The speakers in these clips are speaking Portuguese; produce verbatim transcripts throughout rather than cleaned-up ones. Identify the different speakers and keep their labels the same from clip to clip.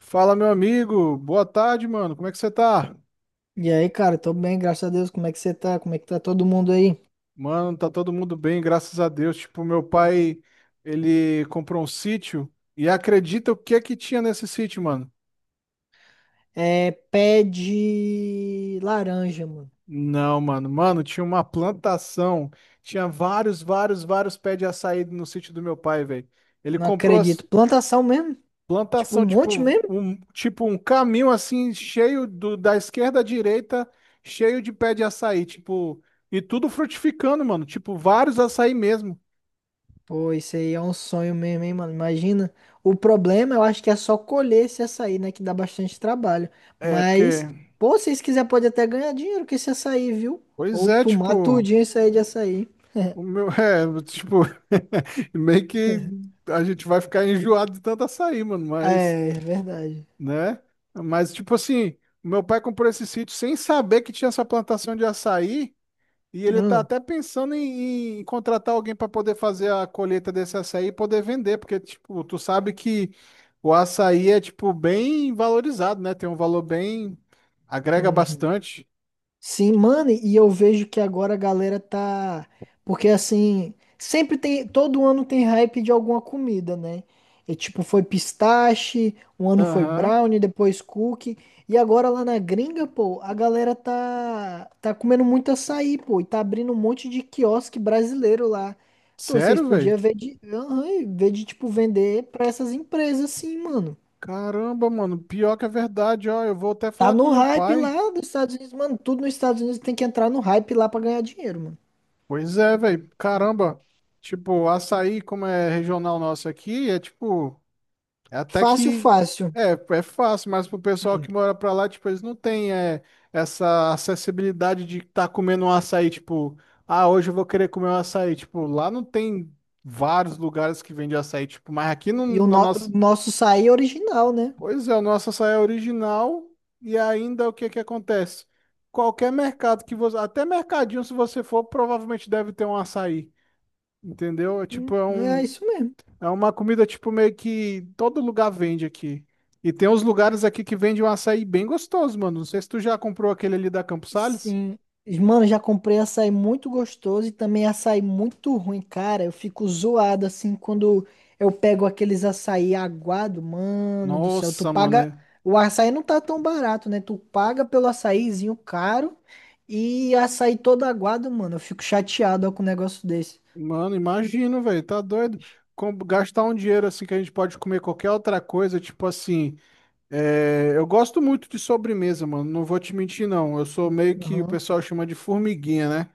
Speaker 1: Fala, meu amigo. Boa tarde, mano. Como é que você tá?
Speaker 2: E aí, cara, tô bem, graças a Deus. Como é que você tá? Como é que tá todo mundo aí?
Speaker 1: Mano, tá todo mundo bem, graças a Deus. Tipo, meu pai, ele comprou um sítio e acredita o que é que tinha nesse sítio, mano?
Speaker 2: É, pé de laranja, mano.
Speaker 1: Não, mano. Mano, tinha uma plantação. Tinha vários, vários, vários pés de açaí no sítio do meu pai, velho. Ele
Speaker 2: Não
Speaker 1: comprou
Speaker 2: acredito.
Speaker 1: as
Speaker 2: Plantação mesmo? Tipo, um
Speaker 1: plantação,
Speaker 2: monte
Speaker 1: tipo,
Speaker 2: mesmo?
Speaker 1: um, tipo um caminho assim cheio do, da esquerda à direita, cheio de pé de açaí, tipo, e tudo frutificando, mano, tipo vários açaí mesmo.
Speaker 2: Pô, isso aí é um sonho mesmo, hein, mano? Imagina. O problema, eu acho que é só colher esse açaí, né? Que dá bastante trabalho.
Speaker 1: É,
Speaker 2: Mas,
Speaker 1: porque.
Speaker 2: pô, se vocês quiserem, pode até ganhar dinheiro com esse açaí, viu?
Speaker 1: Pois
Speaker 2: Ou
Speaker 1: é,
Speaker 2: tomar
Speaker 1: tipo.
Speaker 2: tudinho isso aí de açaí.
Speaker 1: O meu. É, tipo. Meio que a gente vai ficar enjoado de tanto açaí, mano, mas.
Speaker 2: É, é verdade.
Speaker 1: Né? Mas, tipo assim. Meu pai comprou esse sítio sem saber que tinha essa plantação de açaí. E ele tá
Speaker 2: Hum,
Speaker 1: até pensando em, em contratar alguém para poder fazer a colheita desse açaí e poder vender, porque, tipo, tu sabe que o açaí é, tipo, bem valorizado, né? Tem um valor bem. Agrega
Speaker 2: uhum.
Speaker 1: bastante.
Speaker 2: Sim, mano, e eu vejo que agora a galera tá. Porque assim, sempre tem. Todo ano tem hype de alguma comida, né? E tipo, foi pistache, um ano foi
Speaker 1: Aham.
Speaker 2: brownie, depois cookie. E agora lá na gringa, pô, a galera tá. Tá comendo muito açaí, pô. E tá abrindo um monte de quiosque brasileiro lá. Então, vocês
Speaker 1: Sério, velho?
Speaker 2: podiam ver de. Aham, ver de, tipo, vender pra essas empresas, assim, mano.
Speaker 1: Caramba, mano, pior que é verdade, ó. Eu vou até
Speaker 2: Tá
Speaker 1: falar com
Speaker 2: no
Speaker 1: meu
Speaker 2: hype lá
Speaker 1: pai.
Speaker 2: dos Estados Unidos, mano. Tudo nos Estados Unidos tem que entrar no hype lá pra ganhar dinheiro, mano.
Speaker 1: Pois é, velho. Caramba, tipo, açaí, como é regional nosso aqui, é tipo, é até
Speaker 2: Fácil,
Speaker 1: que
Speaker 2: fácil.
Speaker 1: é, é fácil, mas pro pessoal que mora pra lá, tipo, eles não têm é, essa acessibilidade de estar comendo um açaí, tipo, ah, hoje eu vou querer comer um açaí. Tipo, lá não tem vários lugares que vende açaí, tipo, mas aqui no,
Speaker 2: E o,
Speaker 1: na
Speaker 2: no- o
Speaker 1: nossa.
Speaker 2: nosso açaí é original, né?
Speaker 1: Pois é, o nosso açaí é original e ainda o que é que acontece? Qualquer mercado que você, até mercadinho se você for, provavelmente deve ter um açaí, entendeu? É tipo
Speaker 2: Hum,
Speaker 1: é
Speaker 2: é
Speaker 1: um,
Speaker 2: isso mesmo.
Speaker 1: é uma comida tipo meio que todo lugar vende aqui. E tem uns lugares aqui que vendem um açaí bem gostoso, mano. Não sei se tu já comprou aquele ali da Campos Sales.
Speaker 2: Sim. Mano, já comprei açaí muito gostoso e também açaí muito ruim, cara. Eu fico zoado assim quando eu pego aqueles açaí aguado, mano do céu. Tu
Speaker 1: Nossa, mano.
Speaker 2: paga.
Speaker 1: é-
Speaker 2: O açaí não tá tão barato, né? Tu paga pelo açaizinho caro e açaí todo aguado, mano. Eu fico chateado ó, com um negócio desse.
Speaker 1: Mano, imagino, velho, tá doido. Com- gastar um dinheiro assim que a gente pode comer qualquer outra coisa, tipo assim. É, eu gosto muito de sobremesa, mano. Não vou te mentir, não. Eu sou meio que o
Speaker 2: Aham.
Speaker 1: pessoal chama de formiguinha, né?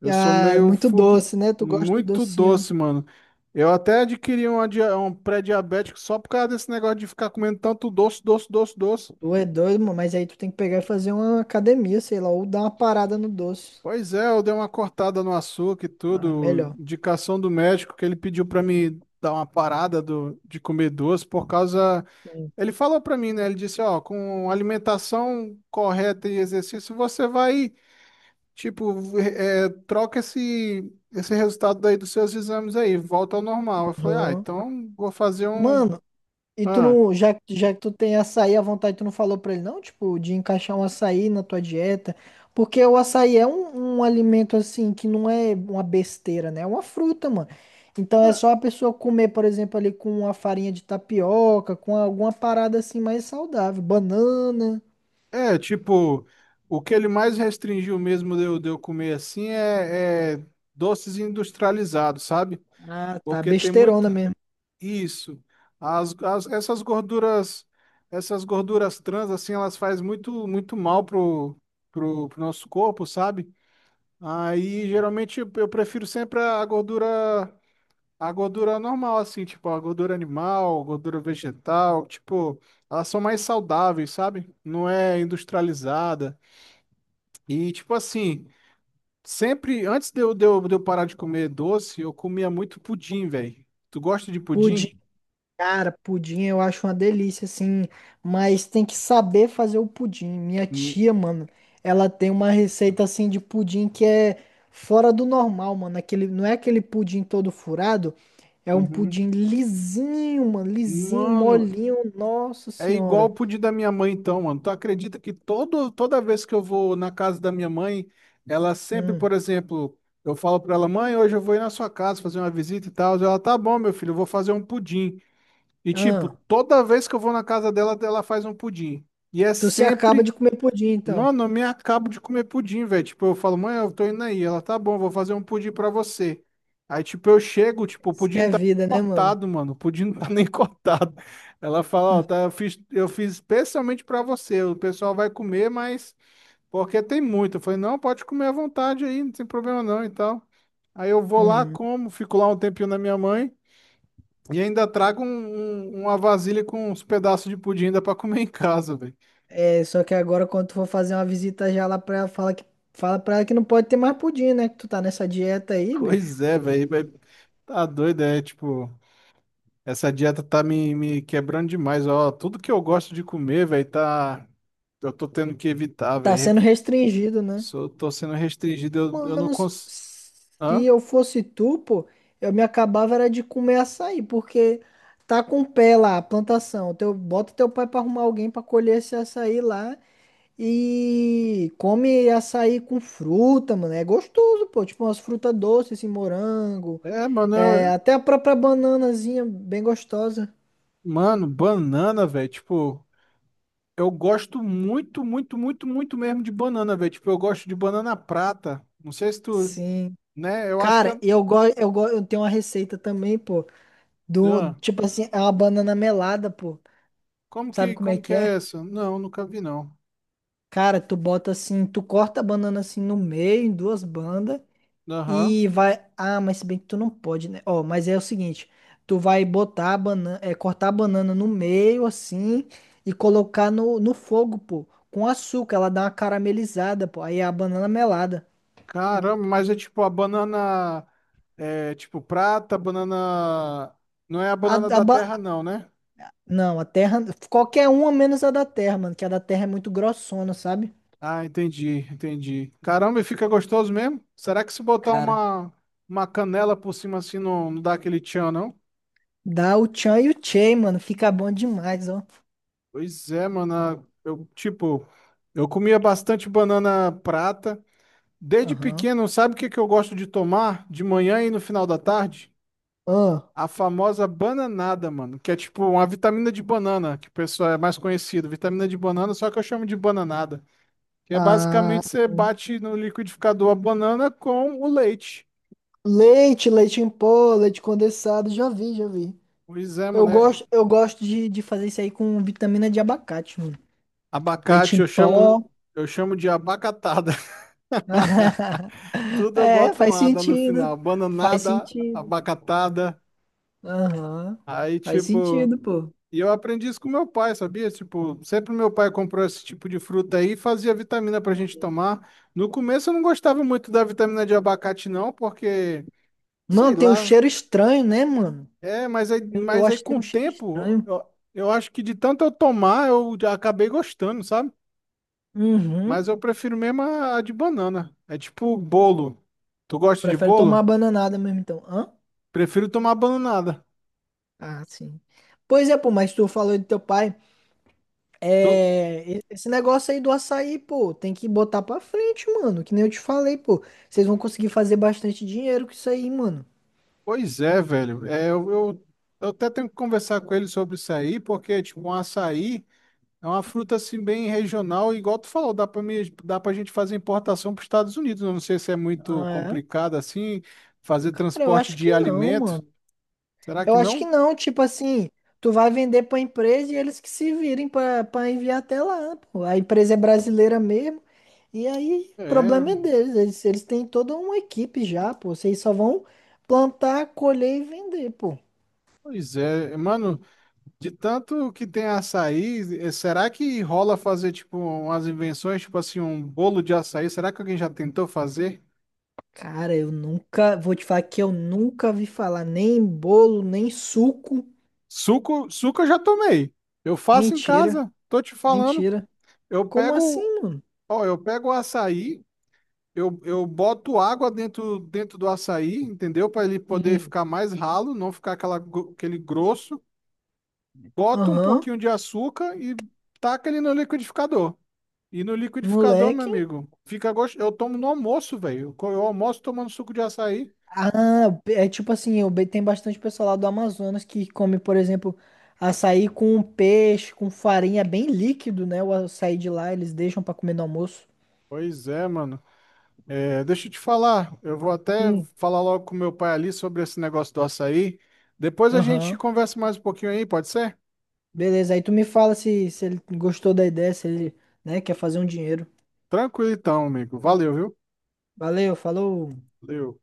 Speaker 1: Eu sou
Speaker 2: Ah,
Speaker 1: meio
Speaker 2: muito
Speaker 1: fu-
Speaker 2: doce, né? Tu gosta do
Speaker 1: muito
Speaker 2: docinho.
Speaker 1: doce, mano. Eu até adquiri uma dia- um pré-diabético só por causa desse negócio de ficar comendo tanto doce, doce, doce, doce.
Speaker 2: Tu é doido, mano, mas aí tu tem que pegar e fazer uma academia, sei lá, ou dar uma parada no doce.
Speaker 1: Pois é, eu dei uma cortada no açúcar e
Speaker 2: Ah, é
Speaker 1: tudo.
Speaker 2: melhor.
Speaker 1: Indicação do médico que ele pediu pra me dar uma parada do- de comer doce por causa.
Speaker 2: Sim.
Speaker 1: Ele falou pra mim, né? Ele disse, ó, com alimentação correta e exercício, você vai. Tipo, é, é, troca esse, esse resultado daí dos seus exames aí, volta ao normal. Eu falei, ah,
Speaker 2: Aham.
Speaker 1: então vou fazer um.
Speaker 2: Mano, e tu
Speaker 1: Ah.
Speaker 2: não, já, que- já que tu tem açaí à vontade, tu não falou pra ele não, tipo, de encaixar um açaí na tua dieta? Porque o açaí é um, um alimento, assim, que não é uma besteira, né? É uma fruta, mano. Então é
Speaker 1: ah,
Speaker 2: só a pessoa comer, por exemplo, ali com uma farinha de tapioca, com alguma parada assim mais saudável. Banana.
Speaker 1: é, tipo, o que ele mais restringiu mesmo de eu, de eu comer assim é, é doces industrializados, sabe?
Speaker 2: Ah, tá.
Speaker 1: Porque tem
Speaker 2: Besteirona
Speaker 1: muito.
Speaker 2: mesmo.
Speaker 1: Isso. As, as- essas gorduras, essas gorduras trans, assim, elas fazem muito, muito mal pro, pro, pro nosso corpo, sabe? Aí, geralmente, eu eu prefiro sempre a gordura. A gordura normal, assim, tipo, a gordura animal, gordura vegetal, tipo, elas são mais saudáveis, sabe? Não é industrializada. E, tipo assim, sempre, antes de eu, de eu, de eu parar de comer doce, eu comia muito pudim, velho. Tu gosta de
Speaker 2: Pudim.
Speaker 1: pudim?
Speaker 2: Cara, pudim eu acho uma delícia, assim, mas tem que saber fazer o pudim. Minha
Speaker 1: Hum.
Speaker 2: tia, mano, ela tem uma receita, assim, de pudim que é fora do normal, mano. Aquele, não é aquele pudim todo furado, é um
Speaker 1: Uhum.
Speaker 2: pudim lisinho, mano, lisinho,
Speaker 1: Mano,
Speaker 2: molinho, nossa
Speaker 1: é igual o
Speaker 2: senhora.
Speaker 1: pudim da minha mãe, então, mano. Tu acredita que todo, toda vez que eu vou na casa da minha mãe, ela sempre,
Speaker 2: Hum.
Speaker 1: por exemplo, eu falo pra ela, mãe, hoje eu vou ir na sua casa fazer uma visita e tal. Ela, tá bom, meu filho, eu vou fazer um pudim. E, tipo,
Speaker 2: Ah,
Speaker 1: toda vez que eu vou na casa dela, ela faz um pudim. E é
Speaker 2: tu se acaba de
Speaker 1: sempre.
Speaker 2: comer pudim, então.
Speaker 1: Mano, eu me acabo de comer pudim, velho. Tipo, eu falo, mãe, eu tô indo aí. Ela, tá bom, vou fazer um pudim pra você. Aí, tipo, eu chego, tipo, o
Speaker 2: Isso que
Speaker 1: pudim não
Speaker 2: é
Speaker 1: tá
Speaker 2: vida, né, mano?
Speaker 1: cortado, mano. O pudim não tá nem cortado. Ela fala, ó,
Speaker 2: Hum,
Speaker 1: tá, eu fiz, eu fiz especialmente pra você. O pessoal vai comer, mas porque tem muito. Eu falei, não, pode comer à vontade aí, não tem problema não e tal. Aí eu vou lá,
Speaker 2: uhum.
Speaker 1: como, fico lá um tempinho na minha mãe e ainda trago um- um- uma vasilha com uns pedaços de pudim ainda pra comer em casa, velho.
Speaker 2: É, só que agora quando tu for fazer uma visita já lá pra ela, fala que, fala pra ela que não pode ter mais pudim, né? Que tu tá nessa dieta aí, bicho.
Speaker 1: Pois é, velho. Tá doido, é tipo, essa dieta tá me, me quebrando demais, ó. Tudo que eu gosto de comer, velho, tá. Eu tô tendo que evitar,
Speaker 2: Tá
Speaker 1: velho.
Speaker 2: sendo restringido, né?
Speaker 1: Sou, tô sendo restringido, eu, eu não
Speaker 2: Mano, s-
Speaker 1: consigo.
Speaker 2: se
Speaker 1: Hã?
Speaker 2: eu fosse tu, pô, eu me acabava era de comer açaí, porque tá com pé lá, a plantação. Teu, bota teu pai pra arrumar alguém pra colher esse açaí lá e come açaí com fruta, mano. É gostoso, pô. Tipo umas frutas doces, assim, morango,
Speaker 1: É, mano,
Speaker 2: é,
Speaker 1: eu-
Speaker 2: até a própria bananazinha bem gostosa.
Speaker 1: mano, banana, velho. Tipo, eu gosto muito, muito, muito, muito mesmo de banana, velho. Tipo, eu gosto de banana prata. Não sei se tu,
Speaker 2: Sim.
Speaker 1: né? Eu acho que
Speaker 2: Cara,
Speaker 1: é.
Speaker 2: eu gosto, eu gosto, eu tenho uma receita também, pô, do,
Speaker 1: Hã?
Speaker 2: tipo assim, é uma banana melada, pô.
Speaker 1: como
Speaker 2: Sabe
Speaker 1: que,
Speaker 2: como é
Speaker 1: como que
Speaker 2: que
Speaker 1: é
Speaker 2: é?
Speaker 1: essa? Não, nunca vi, não.
Speaker 2: Cara, tu bota assim, tu corta a banana assim no meio, em duas bandas
Speaker 1: Aham.
Speaker 2: e vai, ah, mas se bem que tu não pode, né? Ó, mas é o seguinte, tu vai botar a banana, é, cortar a banana no meio assim e colocar no, no fogo, pô, com açúcar, ela dá uma caramelizada, pô. Aí é a banana melada.
Speaker 1: Caramba, mas é tipo a banana é tipo prata, banana. Não é a
Speaker 2: A,
Speaker 1: banana
Speaker 2: a,
Speaker 1: da terra,
Speaker 2: ba-
Speaker 1: não, né?
Speaker 2: Não, a Terra. Qualquer uma menos a da Terra, mano. Que a da Terra é muito grossona, sabe?
Speaker 1: Ah, entendi, entendi. Caramba, e fica gostoso mesmo? Será que se botar
Speaker 2: Cara,
Speaker 1: uma, uma canela por cima assim não, não dá aquele tchan, não?
Speaker 2: dá o Chan e o Chey, mano. Fica bom demais, ó.
Speaker 1: Pois é, mano. a- Eu, tipo, eu comia bastante banana prata. Desde
Speaker 2: Aham.
Speaker 1: pequeno, sabe o que que eu gosto de tomar de manhã e no final da tarde?
Speaker 2: Ó,
Speaker 1: A famosa bananada, mano, que é tipo uma vitamina de banana, que o pessoal é mais conhecido, vitamina de banana, só que eu chamo de bananada, que é
Speaker 2: ah,
Speaker 1: basicamente você bate no liquidificador a banana com o leite.
Speaker 2: leite, leite em pó, leite condensado. Já vi, já vi.
Speaker 1: Pois é,
Speaker 2: Eu
Speaker 1: mano, é
Speaker 2: gosto, eu gosto de, de fazer isso aí com vitamina de abacate, mano. Leite
Speaker 1: abacate,
Speaker 2: em
Speaker 1: eu
Speaker 2: pó.
Speaker 1: chamo, eu chamo de abacatada. Tudo eu
Speaker 2: É,
Speaker 1: boto um
Speaker 2: faz
Speaker 1: ada no
Speaker 2: sentido.
Speaker 1: final,
Speaker 2: Faz
Speaker 1: bananada,
Speaker 2: sentido.
Speaker 1: abacatada,
Speaker 2: Aham.
Speaker 1: aí
Speaker 2: Faz
Speaker 1: tipo.
Speaker 2: sentido, pô.
Speaker 1: E eu aprendi isso com meu pai, sabia? Tipo, sempre meu pai comprou esse tipo de fruta aí e fazia vitamina pra gente tomar. No começo eu não gostava muito da vitamina de abacate, não, porque, sei
Speaker 2: Mano, tem um
Speaker 1: lá.
Speaker 2: cheiro estranho, né, mano?
Speaker 1: É, mas aí,
Speaker 2: Eu, eu
Speaker 1: mas aí
Speaker 2: acho que tem
Speaker 1: com o
Speaker 2: um cheiro
Speaker 1: tempo,
Speaker 2: estranho.
Speaker 1: eu, eu acho que de tanto eu tomar, eu já acabei gostando, sabe? Mas
Speaker 2: Uhum.
Speaker 1: eu prefiro mesmo a, a de banana. É tipo bolo. Tu gosta de
Speaker 2: Prefere tomar a
Speaker 1: bolo?
Speaker 2: bananada mesmo, então. Hã?
Speaker 1: Prefiro tomar bananada.
Speaker 2: Ah, sim. Pois é, pô, mas tu falou do teu pai.
Speaker 1: Tu...
Speaker 2: É, e- esse negócio aí do açaí, pô, tem que botar pra frente, mano. Que nem eu te falei, pô. Vocês vão conseguir fazer bastante dinheiro com isso aí, mano.
Speaker 1: Pois é, velho. É, eu, eu, eu até tenho que conversar com ele sobre isso aí, porque, tipo, um açaí. É uma fruta assim bem regional, igual tu falou, dá para dá para a gente fazer importação para os Estados Unidos. Eu não sei se é muito
Speaker 2: Ah, é?
Speaker 1: complicado assim fazer
Speaker 2: Cara, eu
Speaker 1: transporte
Speaker 2: acho
Speaker 1: de
Speaker 2: que não,
Speaker 1: alimento.
Speaker 2: mano.
Speaker 1: Será
Speaker 2: Eu
Speaker 1: que
Speaker 2: acho que
Speaker 1: não?
Speaker 2: não, tipo assim, tu vai vender pra empresa e eles que se virem pra pra enviar até lá, pô. A empresa é brasileira mesmo, e aí o
Speaker 1: É,
Speaker 2: problema é deles, eles, eles têm toda uma equipe já, pô. Vocês só vão plantar, colher e vender, pô.
Speaker 1: pois é, mano, de tanto que tem açaí, eh, será que rola fazer tipo umas invenções, tipo assim, um bolo de açaí? Será que alguém já tentou fazer?
Speaker 2: Cara, eu nunca, vou te falar que eu nunca vi falar nem em bolo, nem em suco.
Speaker 1: Suco, suco eu já tomei. Eu faço em
Speaker 2: Mentira,
Speaker 1: casa, tô te falando.
Speaker 2: mentira.
Speaker 1: Eu
Speaker 2: Como assim,
Speaker 1: pego,
Speaker 2: mano?
Speaker 1: ó, eu pego o açaí. Eu, eu boto água dentro, dentro do açaí, entendeu? Para ele poder
Speaker 2: Sim.
Speaker 1: ficar mais ralo, não ficar aquela, gro- aquele grosso. Boto um
Speaker 2: Aham,
Speaker 1: pouquinho de açúcar e taca ele no liquidificador. E no liquidificador, meu
Speaker 2: moleque.
Speaker 1: amigo, fica gostoso. Eu tomo no almoço, velho. Eu eu almoço tomando suco de açaí.
Speaker 2: Ah, é tipo assim, o be- tem bastante pessoal lá do Amazonas que come, por exemplo, açaí com peixe, com farinha, é bem líquido, né? O açaí de lá, eles deixam pra comer no almoço.
Speaker 1: Pois é, mano. É, deixa eu te falar. Eu vou até
Speaker 2: Sim.
Speaker 1: falar logo com meu pai ali sobre esse negócio do açaí. Depois a gente
Speaker 2: Aham.
Speaker 1: conversa mais um pouquinho aí, pode ser?
Speaker 2: Beleza, aí tu me fala se, se ele gostou da ideia, se ele, né, quer fazer um dinheiro.
Speaker 1: Tranquilo então, amigo. Valeu, viu?
Speaker 2: Valeu, falou.
Speaker 1: Valeu.